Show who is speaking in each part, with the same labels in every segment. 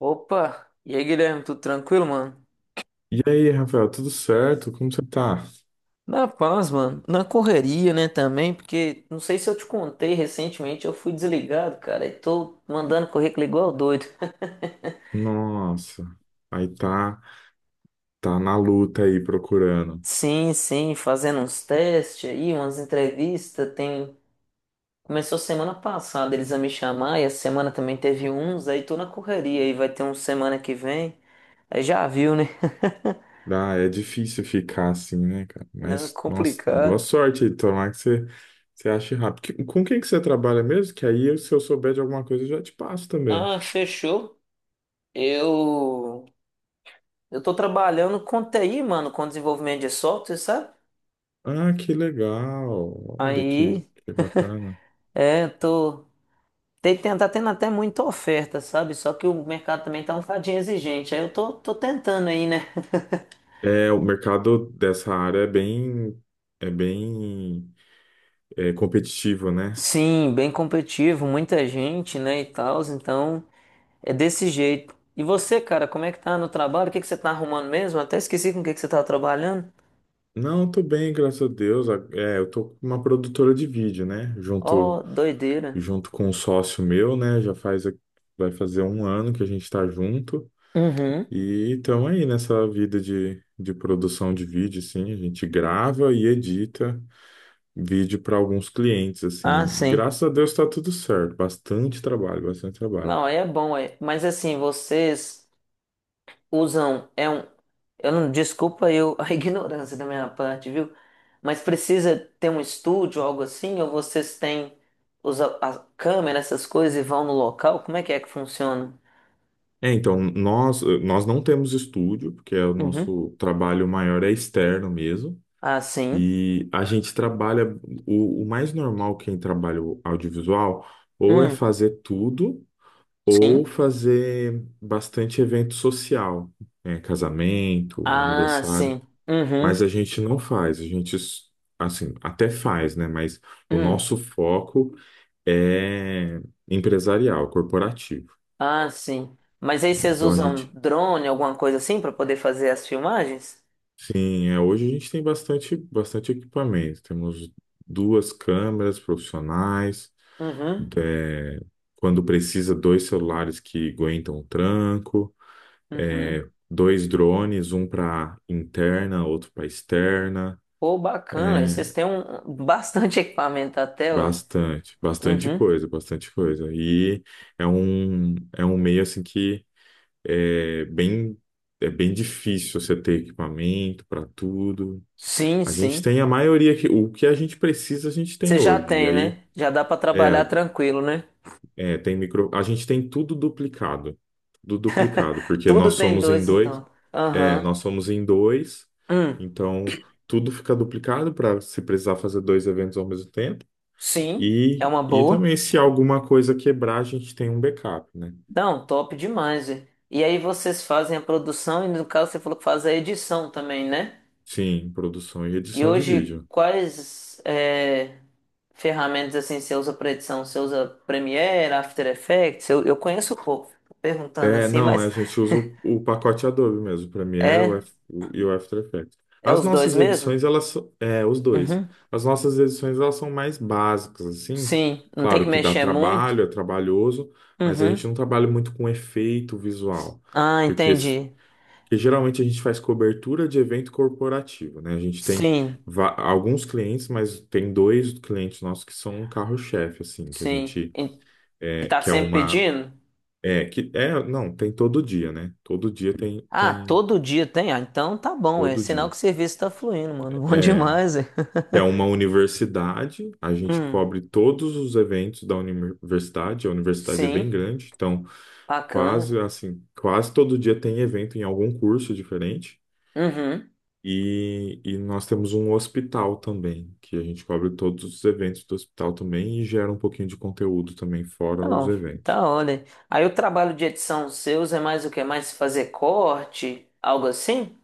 Speaker 1: Opa! E aí, Guilherme, tudo tranquilo, mano?
Speaker 2: E aí, Rafael, tudo certo? Como você tá?
Speaker 1: Na paz, mano. Na correria, né, também, porque não sei se eu te contei recentemente, eu fui desligado, cara, e tô mandando currículo igual doido.
Speaker 2: Nossa, aí tá na luta aí procurando.
Speaker 1: Sim, sim, fazendo uns testes aí, umas entrevistas, Começou semana passada eles a me chamar, e a semana também teve uns, aí tô na correria, aí vai ter uns semana que vem, aí já viu, né?
Speaker 2: Ah, é difícil ficar assim, né, cara?
Speaker 1: Não, é
Speaker 2: Mas, nossa, boa
Speaker 1: complicado.
Speaker 2: sorte aí, tomara que você ache rápido. Com quem que você trabalha mesmo? Que aí, se eu souber de alguma coisa, eu já te passo também.
Speaker 1: Ah, fechou. Eu... Eu tô trabalhando com TI, mano, com desenvolvimento de software, sabe?
Speaker 2: Ah, que legal! Olha que,
Speaker 1: Aí,
Speaker 2: que bacana.
Speaker 1: tô. Tem, tá tendo até muita oferta, sabe? Só que o mercado também tá um bocadinho exigente. Aí eu tô tentando aí, né?
Speaker 2: É, o mercado dessa área é bem, é competitivo, né?
Speaker 1: Sim, bem competitivo, muita gente, né, e tal. Então, é desse jeito. E você, cara, como é que tá no trabalho? O que que você tá arrumando mesmo? Até esqueci com o que que você tava trabalhando.
Speaker 2: Não, tô bem, graças a Deus. É, eu tô com uma produtora de vídeo, né?
Speaker 1: Ó,
Speaker 2: Junto,
Speaker 1: doideira.
Speaker 2: junto com um sócio meu, né? Vai fazer um ano que a gente tá junto.
Speaker 1: Uhum.
Speaker 2: E estamos aí nessa vida de produção de vídeo, assim. A gente grava e edita vídeo para alguns clientes, assim.
Speaker 1: Ah, sim.
Speaker 2: Graças a Deus tá tudo certo. Bastante trabalho, bastante trabalho.
Speaker 1: Não, aí é bom, é. Mas assim, vocês usam. É um Eu não, desculpa eu, a ignorância da minha parte, viu? Mas precisa ter um estúdio, algo assim, ou vocês têm a câmera, essas coisas e vão no local? Como é que funciona?
Speaker 2: É, então, nós não temos estúdio, porque o
Speaker 1: Uhum.
Speaker 2: nosso trabalho maior é externo mesmo.
Speaker 1: Ah, sim.
Speaker 2: E a gente trabalha, o mais normal quem trabalha o audiovisual, ou é
Speaker 1: Hum,
Speaker 2: fazer tudo, ou
Speaker 1: sim.
Speaker 2: fazer bastante evento social, né, casamento,
Speaker 1: Ah,
Speaker 2: aniversário,
Speaker 1: sim.
Speaker 2: mas a
Speaker 1: Uhum.
Speaker 2: gente não faz, a gente, assim, até faz, né, mas o
Speaker 1: Hum.
Speaker 2: nosso foco é empresarial, corporativo,
Speaker 1: Ah, sim. Mas aí
Speaker 2: né?
Speaker 1: vocês
Speaker 2: Então a
Speaker 1: usam
Speaker 2: gente,
Speaker 1: drone, alguma coisa assim, para poder fazer as filmagens?
Speaker 2: sim, hoje a gente tem bastante, bastante equipamento, temos duas câmeras profissionais,
Speaker 1: Uhum.
Speaker 2: é, quando precisa, dois celulares que aguentam o tranco,
Speaker 1: Uhum.
Speaker 2: dois drones, um para interna, outro para externa.
Speaker 1: Pô, bacana. Aí
Speaker 2: É,
Speaker 1: vocês têm bastante equipamento até, ué.
Speaker 2: bastante, bastante
Speaker 1: Uhum.
Speaker 2: coisa, bastante coisa. E é um meio assim que é bem, é bem difícil você ter equipamento para tudo.
Speaker 1: Sim,
Speaker 2: A gente
Speaker 1: sim.
Speaker 2: tem a maioria que o que a gente precisa, a gente
Speaker 1: Você
Speaker 2: tem
Speaker 1: já
Speaker 2: hoje. E
Speaker 1: tem,
Speaker 2: aí,
Speaker 1: né? Já dá pra trabalhar
Speaker 2: é,
Speaker 1: tranquilo, né?
Speaker 2: A gente tem tudo duplicado. Tudo duplicado, porque
Speaker 1: Tudo
Speaker 2: nós
Speaker 1: tem
Speaker 2: somos em
Speaker 1: dois,
Speaker 2: dois.
Speaker 1: então.
Speaker 2: É,
Speaker 1: Aham.
Speaker 2: nós somos em dois,
Speaker 1: Hum,
Speaker 2: então tudo fica duplicado para se precisar fazer dois eventos ao mesmo tempo.
Speaker 1: sim, é
Speaker 2: E,
Speaker 1: uma
Speaker 2: e
Speaker 1: boa.
Speaker 2: também, se alguma coisa quebrar, a gente tem um backup, né?
Speaker 1: Não, top demais, velho. E aí vocês fazem a produção e no caso você falou que faz a edição também, né?
Speaker 2: Sim, produção e
Speaker 1: E
Speaker 2: edição de
Speaker 1: hoje
Speaker 2: vídeo.
Speaker 1: quais ferramentas assim você usa para edição? Você usa Premiere, After Effects? Eu conheço pouco, tô perguntando
Speaker 2: É,
Speaker 1: assim,
Speaker 2: não, a
Speaker 1: mas
Speaker 2: gente usa o pacote Adobe mesmo, o Premiere
Speaker 1: é
Speaker 2: E o After Effects.
Speaker 1: é
Speaker 2: As
Speaker 1: os dois
Speaker 2: nossas
Speaker 1: mesmo?
Speaker 2: edições, elas são, os dois.
Speaker 1: Uhum.
Speaker 2: As nossas edições, elas são mais básicas, assim.
Speaker 1: Sim, não tem que
Speaker 2: Claro que dá
Speaker 1: mexer muito.
Speaker 2: trabalho, é trabalhoso, mas a gente
Speaker 1: Uhum.
Speaker 2: não trabalha muito com efeito visual,
Speaker 1: Ah,
Speaker 2: porque, s-
Speaker 1: entendi.
Speaker 2: porque geralmente a gente faz cobertura de evento corporativo, né? A gente tem
Speaker 1: Sim,
Speaker 2: alguns clientes, mas tem dois clientes nossos que são um carro-chefe, assim, que a
Speaker 1: sim.
Speaker 2: gente,
Speaker 1: E tá
Speaker 2: que é
Speaker 1: sempre
Speaker 2: uma
Speaker 1: pedindo?
Speaker 2: é, que é, não, tem todo dia, né? Todo dia tem,
Speaker 1: Ah,
Speaker 2: tem,
Speaker 1: todo dia tem? Ah, então tá bom, é
Speaker 2: todo
Speaker 1: sinal
Speaker 2: dia.
Speaker 1: que o serviço tá fluindo, mano. Bom
Speaker 2: É,
Speaker 1: demais, é.
Speaker 2: que é uma universidade, a gente
Speaker 1: Hum,
Speaker 2: cobre todos os eventos da universidade, a universidade é bem
Speaker 1: sim,
Speaker 2: grande, então
Speaker 1: bacana.
Speaker 2: quase assim, quase todo dia tem evento em algum curso diferente.
Speaker 1: Uhum.
Speaker 2: E nós temos um hospital também, que a gente cobre todos os eventos do hospital também e gera um pouquinho de conteúdo também fora os
Speaker 1: Não,
Speaker 2: eventos.
Speaker 1: tá olha. Aí o trabalho de edição seus é mais o quê? Mais fazer corte, algo assim?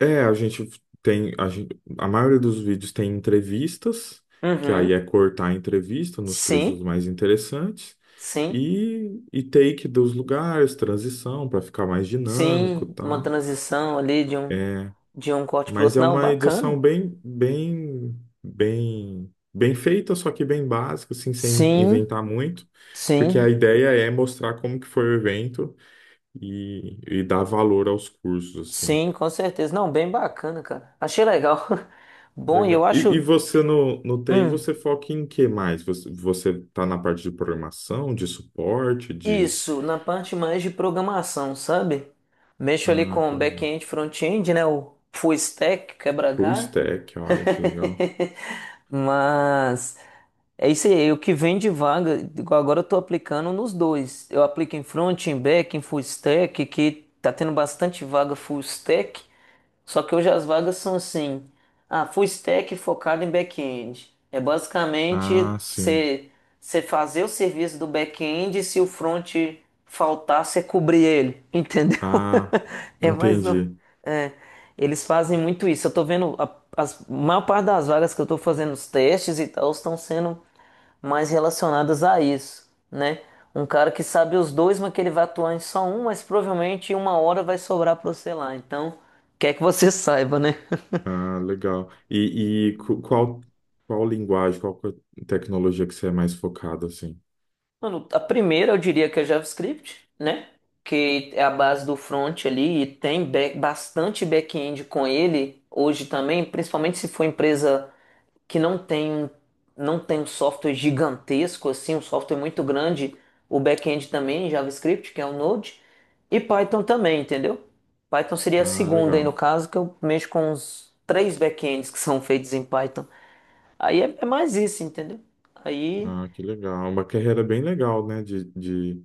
Speaker 2: É, a gente tem, a gente, a maioria dos vídeos tem entrevistas, que aí
Speaker 1: Uhum.
Speaker 2: é cortar a entrevista nos trechos
Speaker 1: Sim,
Speaker 2: mais interessantes,
Speaker 1: sim,
Speaker 2: e take dos lugares, transição, para ficar mais dinâmico,
Speaker 1: sim. Uma
Speaker 2: tá?
Speaker 1: transição ali de um,
Speaker 2: É,
Speaker 1: de um corte pro
Speaker 2: mas
Speaker 1: outro.
Speaker 2: é
Speaker 1: Não,
Speaker 2: uma edição
Speaker 1: bacana.
Speaker 2: bem, bem, bem, bem feita, só que bem básica, assim, sem
Speaker 1: Sim,
Speaker 2: inventar muito, porque a
Speaker 1: sim.
Speaker 2: ideia é mostrar como que foi o evento e dar valor aos cursos, assim.
Speaker 1: Sim, com certeza. Não, bem bacana, cara. Achei legal. Bom, e
Speaker 2: Legal.
Speaker 1: eu
Speaker 2: E
Speaker 1: acho,
Speaker 2: você no TI,
Speaker 1: hum,
Speaker 2: você foca em que mais? Você tá na parte de programação, de suporte, de.
Speaker 1: isso, na parte mais de programação, sabe? Mexo ali
Speaker 2: Ah,
Speaker 1: com
Speaker 2: que legal.
Speaker 1: back-end, front-end, né? O full stack,
Speaker 2: Full
Speaker 1: quebra-galho.
Speaker 2: stack, olha que legal.
Speaker 1: Mas é isso aí, o que vem de vaga, igual agora eu tô aplicando nos dois. Eu aplico em front, em back, em full stack, que tá tendo bastante vaga full stack. Só que hoje as vagas são assim, ah, full stack focado em back-end. É basicamente
Speaker 2: Ah, sim.
Speaker 1: você fazer o serviço do back-end e se o front faltar, você cobrir ele, entendeu?
Speaker 2: Ah,
Speaker 1: É mais um,
Speaker 2: entendi.
Speaker 1: é, Eles fazem muito isso. Eu tô vendo a maior parte das vagas que eu tô fazendo os testes e tal estão sendo mais relacionadas a isso, né? Um cara que sabe os dois, mas que ele vai atuar em só um, mas provavelmente em uma hora vai sobrar para você lá. Então, quer que você saiba, né?
Speaker 2: Ah, legal. E qual linguagem, tecnologia que você é mais focado, assim?
Speaker 1: Mano, a primeira eu diria que é JavaScript, né? Que é a base do front ali e tem bastante back-end com ele hoje também, principalmente se for empresa que não tem um software gigantesco assim, um software muito grande, o back-end também, JavaScript, que é o Node, e Python também, entendeu? Python seria a
Speaker 2: Ah,
Speaker 1: segunda aí no
Speaker 2: legal.
Speaker 1: caso, que eu mexo com os três back-ends que são feitos em Python. Aí é mais isso, entendeu? Aí
Speaker 2: Ah, que legal. Uma carreira bem legal, né, de, de,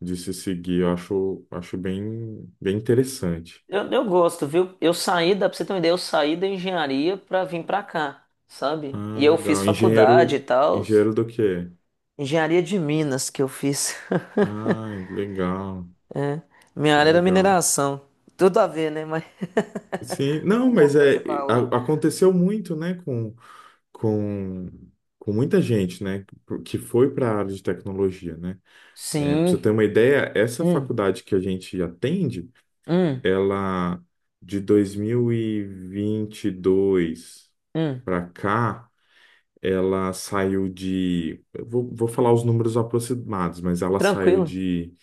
Speaker 2: de se seguir. Eu acho bem, bem interessante.
Speaker 1: eu gosto, viu? Eu saí, dá pra você ter uma ideia, eu saí da engenharia pra vir pra cá, sabe?
Speaker 2: Ah,
Speaker 1: E eu fiz
Speaker 2: legal.
Speaker 1: faculdade e
Speaker 2: Engenheiro,
Speaker 1: tal,
Speaker 2: engenheiro do quê?
Speaker 1: engenharia de Minas que eu fiz.
Speaker 2: Ah, legal,
Speaker 1: Minha área era
Speaker 2: legal.
Speaker 1: mineração. Tudo a ver, né? Mas
Speaker 2: Sim, não,
Speaker 1: uma
Speaker 2: mas
Speaker 1: coisa com a outra.
Speaker 2: aconteceu muito, né, com, com muita gente, né, que foi para a área de tecnologia, né? É, para você
Speaker 1: Sim.
Speaker 2: ter uma ideia, essa
Speaker 1: Hum,
Speaker 2: faculdade que a gente atende,
Speaker 1: hum,
Speaker 2: ela de 2022
Speaker 1: hum.
Speaker 2: para cá, ela saiu de. Eu vou falar os números aproximados, mas ela saiu
Speaker 1: Tranquilo.
Speaker 2: de,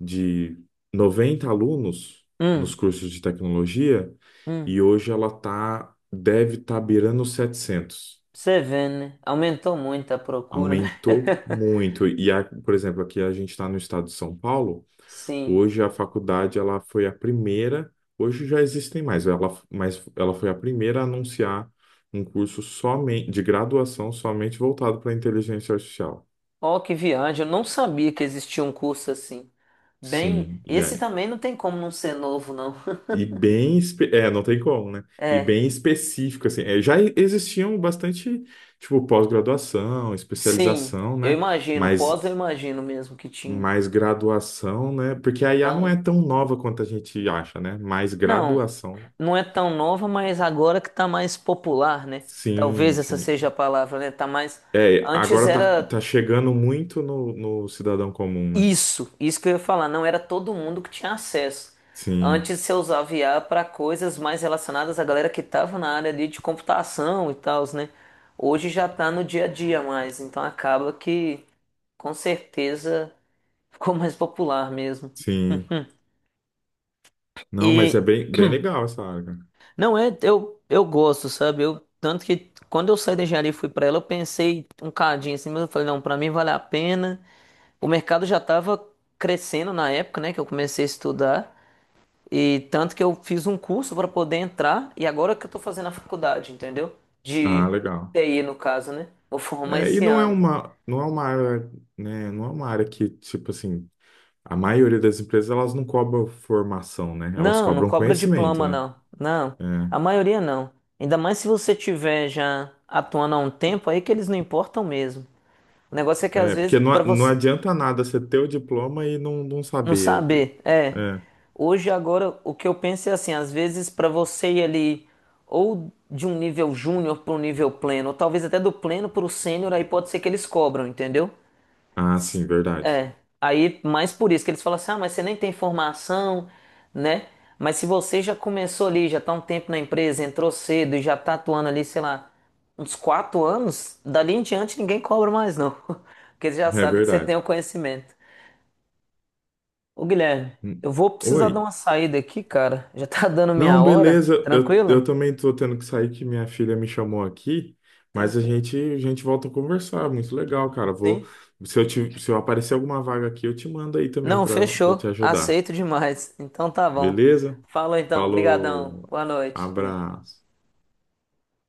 Speaker 2: de 90 alunos nos
Speaker 1: Hum,
Speaker 2: cursos de tecnologia
Speaker 1: hum.
Speaker 2: e hoje ela deve estar beirando os 700.
Speaker 1: Você vê, né? Aumentou muito a procura, né?
Speaker 2: Aumentou muito. E, por exemplo, aqui a gente está no estado de São Paulo,
Speaker 1: Sim.
Speaker 2: hoje a faculdade ela foi a primeira. Hoje já existem mais, ela, mas ela foi a primeira a anunciar um curso somente de graduação somente voltado para inteligência artificial.
Speaker 1: Ó, que viagem. Eu não sabia que existia um curso assim. Bem,
Speaker 2: Sim, e
Speaker 1: esse
Speaker 2: aí?
Speaker 1: também não tem como não ser novo, não.
Speaker 2: E bem, não tem como, né? E
Speaker 1: É.
Speaker 2: bem específico, assim. É, já existiam bastante, tipo, pós-graduação,
Speaker 1: Sim.
Speaker 2: especialização,
Speaker 1: Eu
Speaker 2: né?
Speaker 1: imagino.
Speaker 2: Mas
Speaker 1: Pós eu imagino mesmo que tinha.
Speaker 2: mais graduação, né? Porque a IA não
Speaker 1: Não.
Speaker 2: é tão nova quanto a gente acha, né? Mais
Speaker 1: Não,
Speaker 2: graduação.
Speaker 1: não é tão nova, mas agora que tá mais popular, né?
Speaker 2: Sim,
Speaker 1: Talvez essa seja a
Speaker 2: sim.
Speaker 1: palavra, né? Tá mais.
Speaker 2: É,
Speaker 1: Antes
Speaker 2: agora tá,
Speaker 1: era
Speaker 2: tá chegando muito no cidadão comum, né?
Speaker 1: isso, isso que eu ia falar, não era todo mundo que tinha acesso.
Speaker 2: Sim,
Speaker 1: Antes você usava IA para coisas mais relacionadas à galera que tava na área ali de computação e tal, né? Hoje já tá no dia a dia mais, então acaba que com certeza ficou mais popular mesmo.
Speaker 2: sim. Não, mas é
Speaker 1: E
Speaker 2: bem, bem legal essa área, cara.
Speaker 1: Não é, eu gosto, sabe? Tanto que quando eu saí da engenharia e fui pra ela, eu pensei um cadinho assim, mas eu falei, não, pra mim vale a pena. O mercado já tava crescendo na época, né, que eu comecei a estudar, e tanto que eu fiz um curso pra poder entrar, e agora que eu tô fazendo a faculdade, entendeu?
Speaker 2: Ah,
Speaker 1: De
Speaker 2: legal.
Speaker 1: TI, no caso, né? Vou formar
Speaker 2: É, e
Speaker 1: esse
Speaker 2: não é
Speaker 1: ano.
Speaker 2: uma, não é uma área, né, não é uma área que, tipo assim, a maioria das empresas, elas não cobram formação, né? Elas
Speaker 1: Não, não
Speaker 2: cobram
Speaker 1: cobra
Speaker 2: conhecimento,
Speaker 1: diploma,
Speaker 2: né?
Speaker 1: não. Não, a maioria não. Ainda mais se você tiver já atuando há um tempo, aí que eles não importam mesmo. O negócio é que
Speaker 2: É,
Speaker 1: às
Speaker 2: é,
Speaker 1: vezes
Speaker 2: porque não,
Speaker 1: para
Speaker 2: não
Speaker 1: você,
Speaker 2: adianta nada você ter o diploma e não, não
Speaker 1: não
Speaker 2: saber.
Speaker 1: saber, é.
Speaker 2: É.
Speaker 1: Hoje, agora, o que eu penso é assim: às vezes, para você ir ali, ou de um nível júnior para um nível pleno, ou talvez até do pleno para o sênior, aí pode ser que eles cobram, entendeu?
Speaker 2: Ah,
Speaker 1: S-
Speaker 2: sim, verdade.
Speaker 1: É. Aí, mais por isso que eles falam assim: ah, mas você nem tem formação, né? Mas se você já começou ali, já tá um tempo na empresa, entrou cedo e já tá atuando ali, sei lá, uns 4 anos, dali em diante ninguém cobra mais, não. Porque eles já
Speaker 2: É
Speaker 1: sabem que você tem
Speaker 2: verdade.
Speaker 1: o conhecimento. Ô Guilherme,
Speaker 2: Hum.
Speaker 1: eu vou precisar dar
Speaker 2: Oi.
Speaker 1: uma saída aqui, cara. Já tá dando minha
Speaker 2: Não,
Speaker 1: hora.
Speaker 2: beleza. Eu,
Speaker 1: Tranquilo?
Speaker 2: eu também tô tendo que sair que minha filha me chamou aqui, mas a
Speaker 1: Tranquilo.
Speaker 2: gente a gente volta a conversar. Muito legal, cara. Vou,
Speaker 1: Sim.
Speaker 2: se eu te, se eu aparecer alguma vaga aqui, eu te mando aí também
Speaker 1: Não,
Speaker 2: para te
Speaker 1: fechou.
Speaker 2: ajudar.
Speaker 1: Aceito demais. Então tá bom.
Speaker 2: Beleza?
Speaker 1: Falou então. Obrigadão.
Speaker 2: Falou.
Speaker 1: Boa noite. Hum.
Speaker 2: Abraço.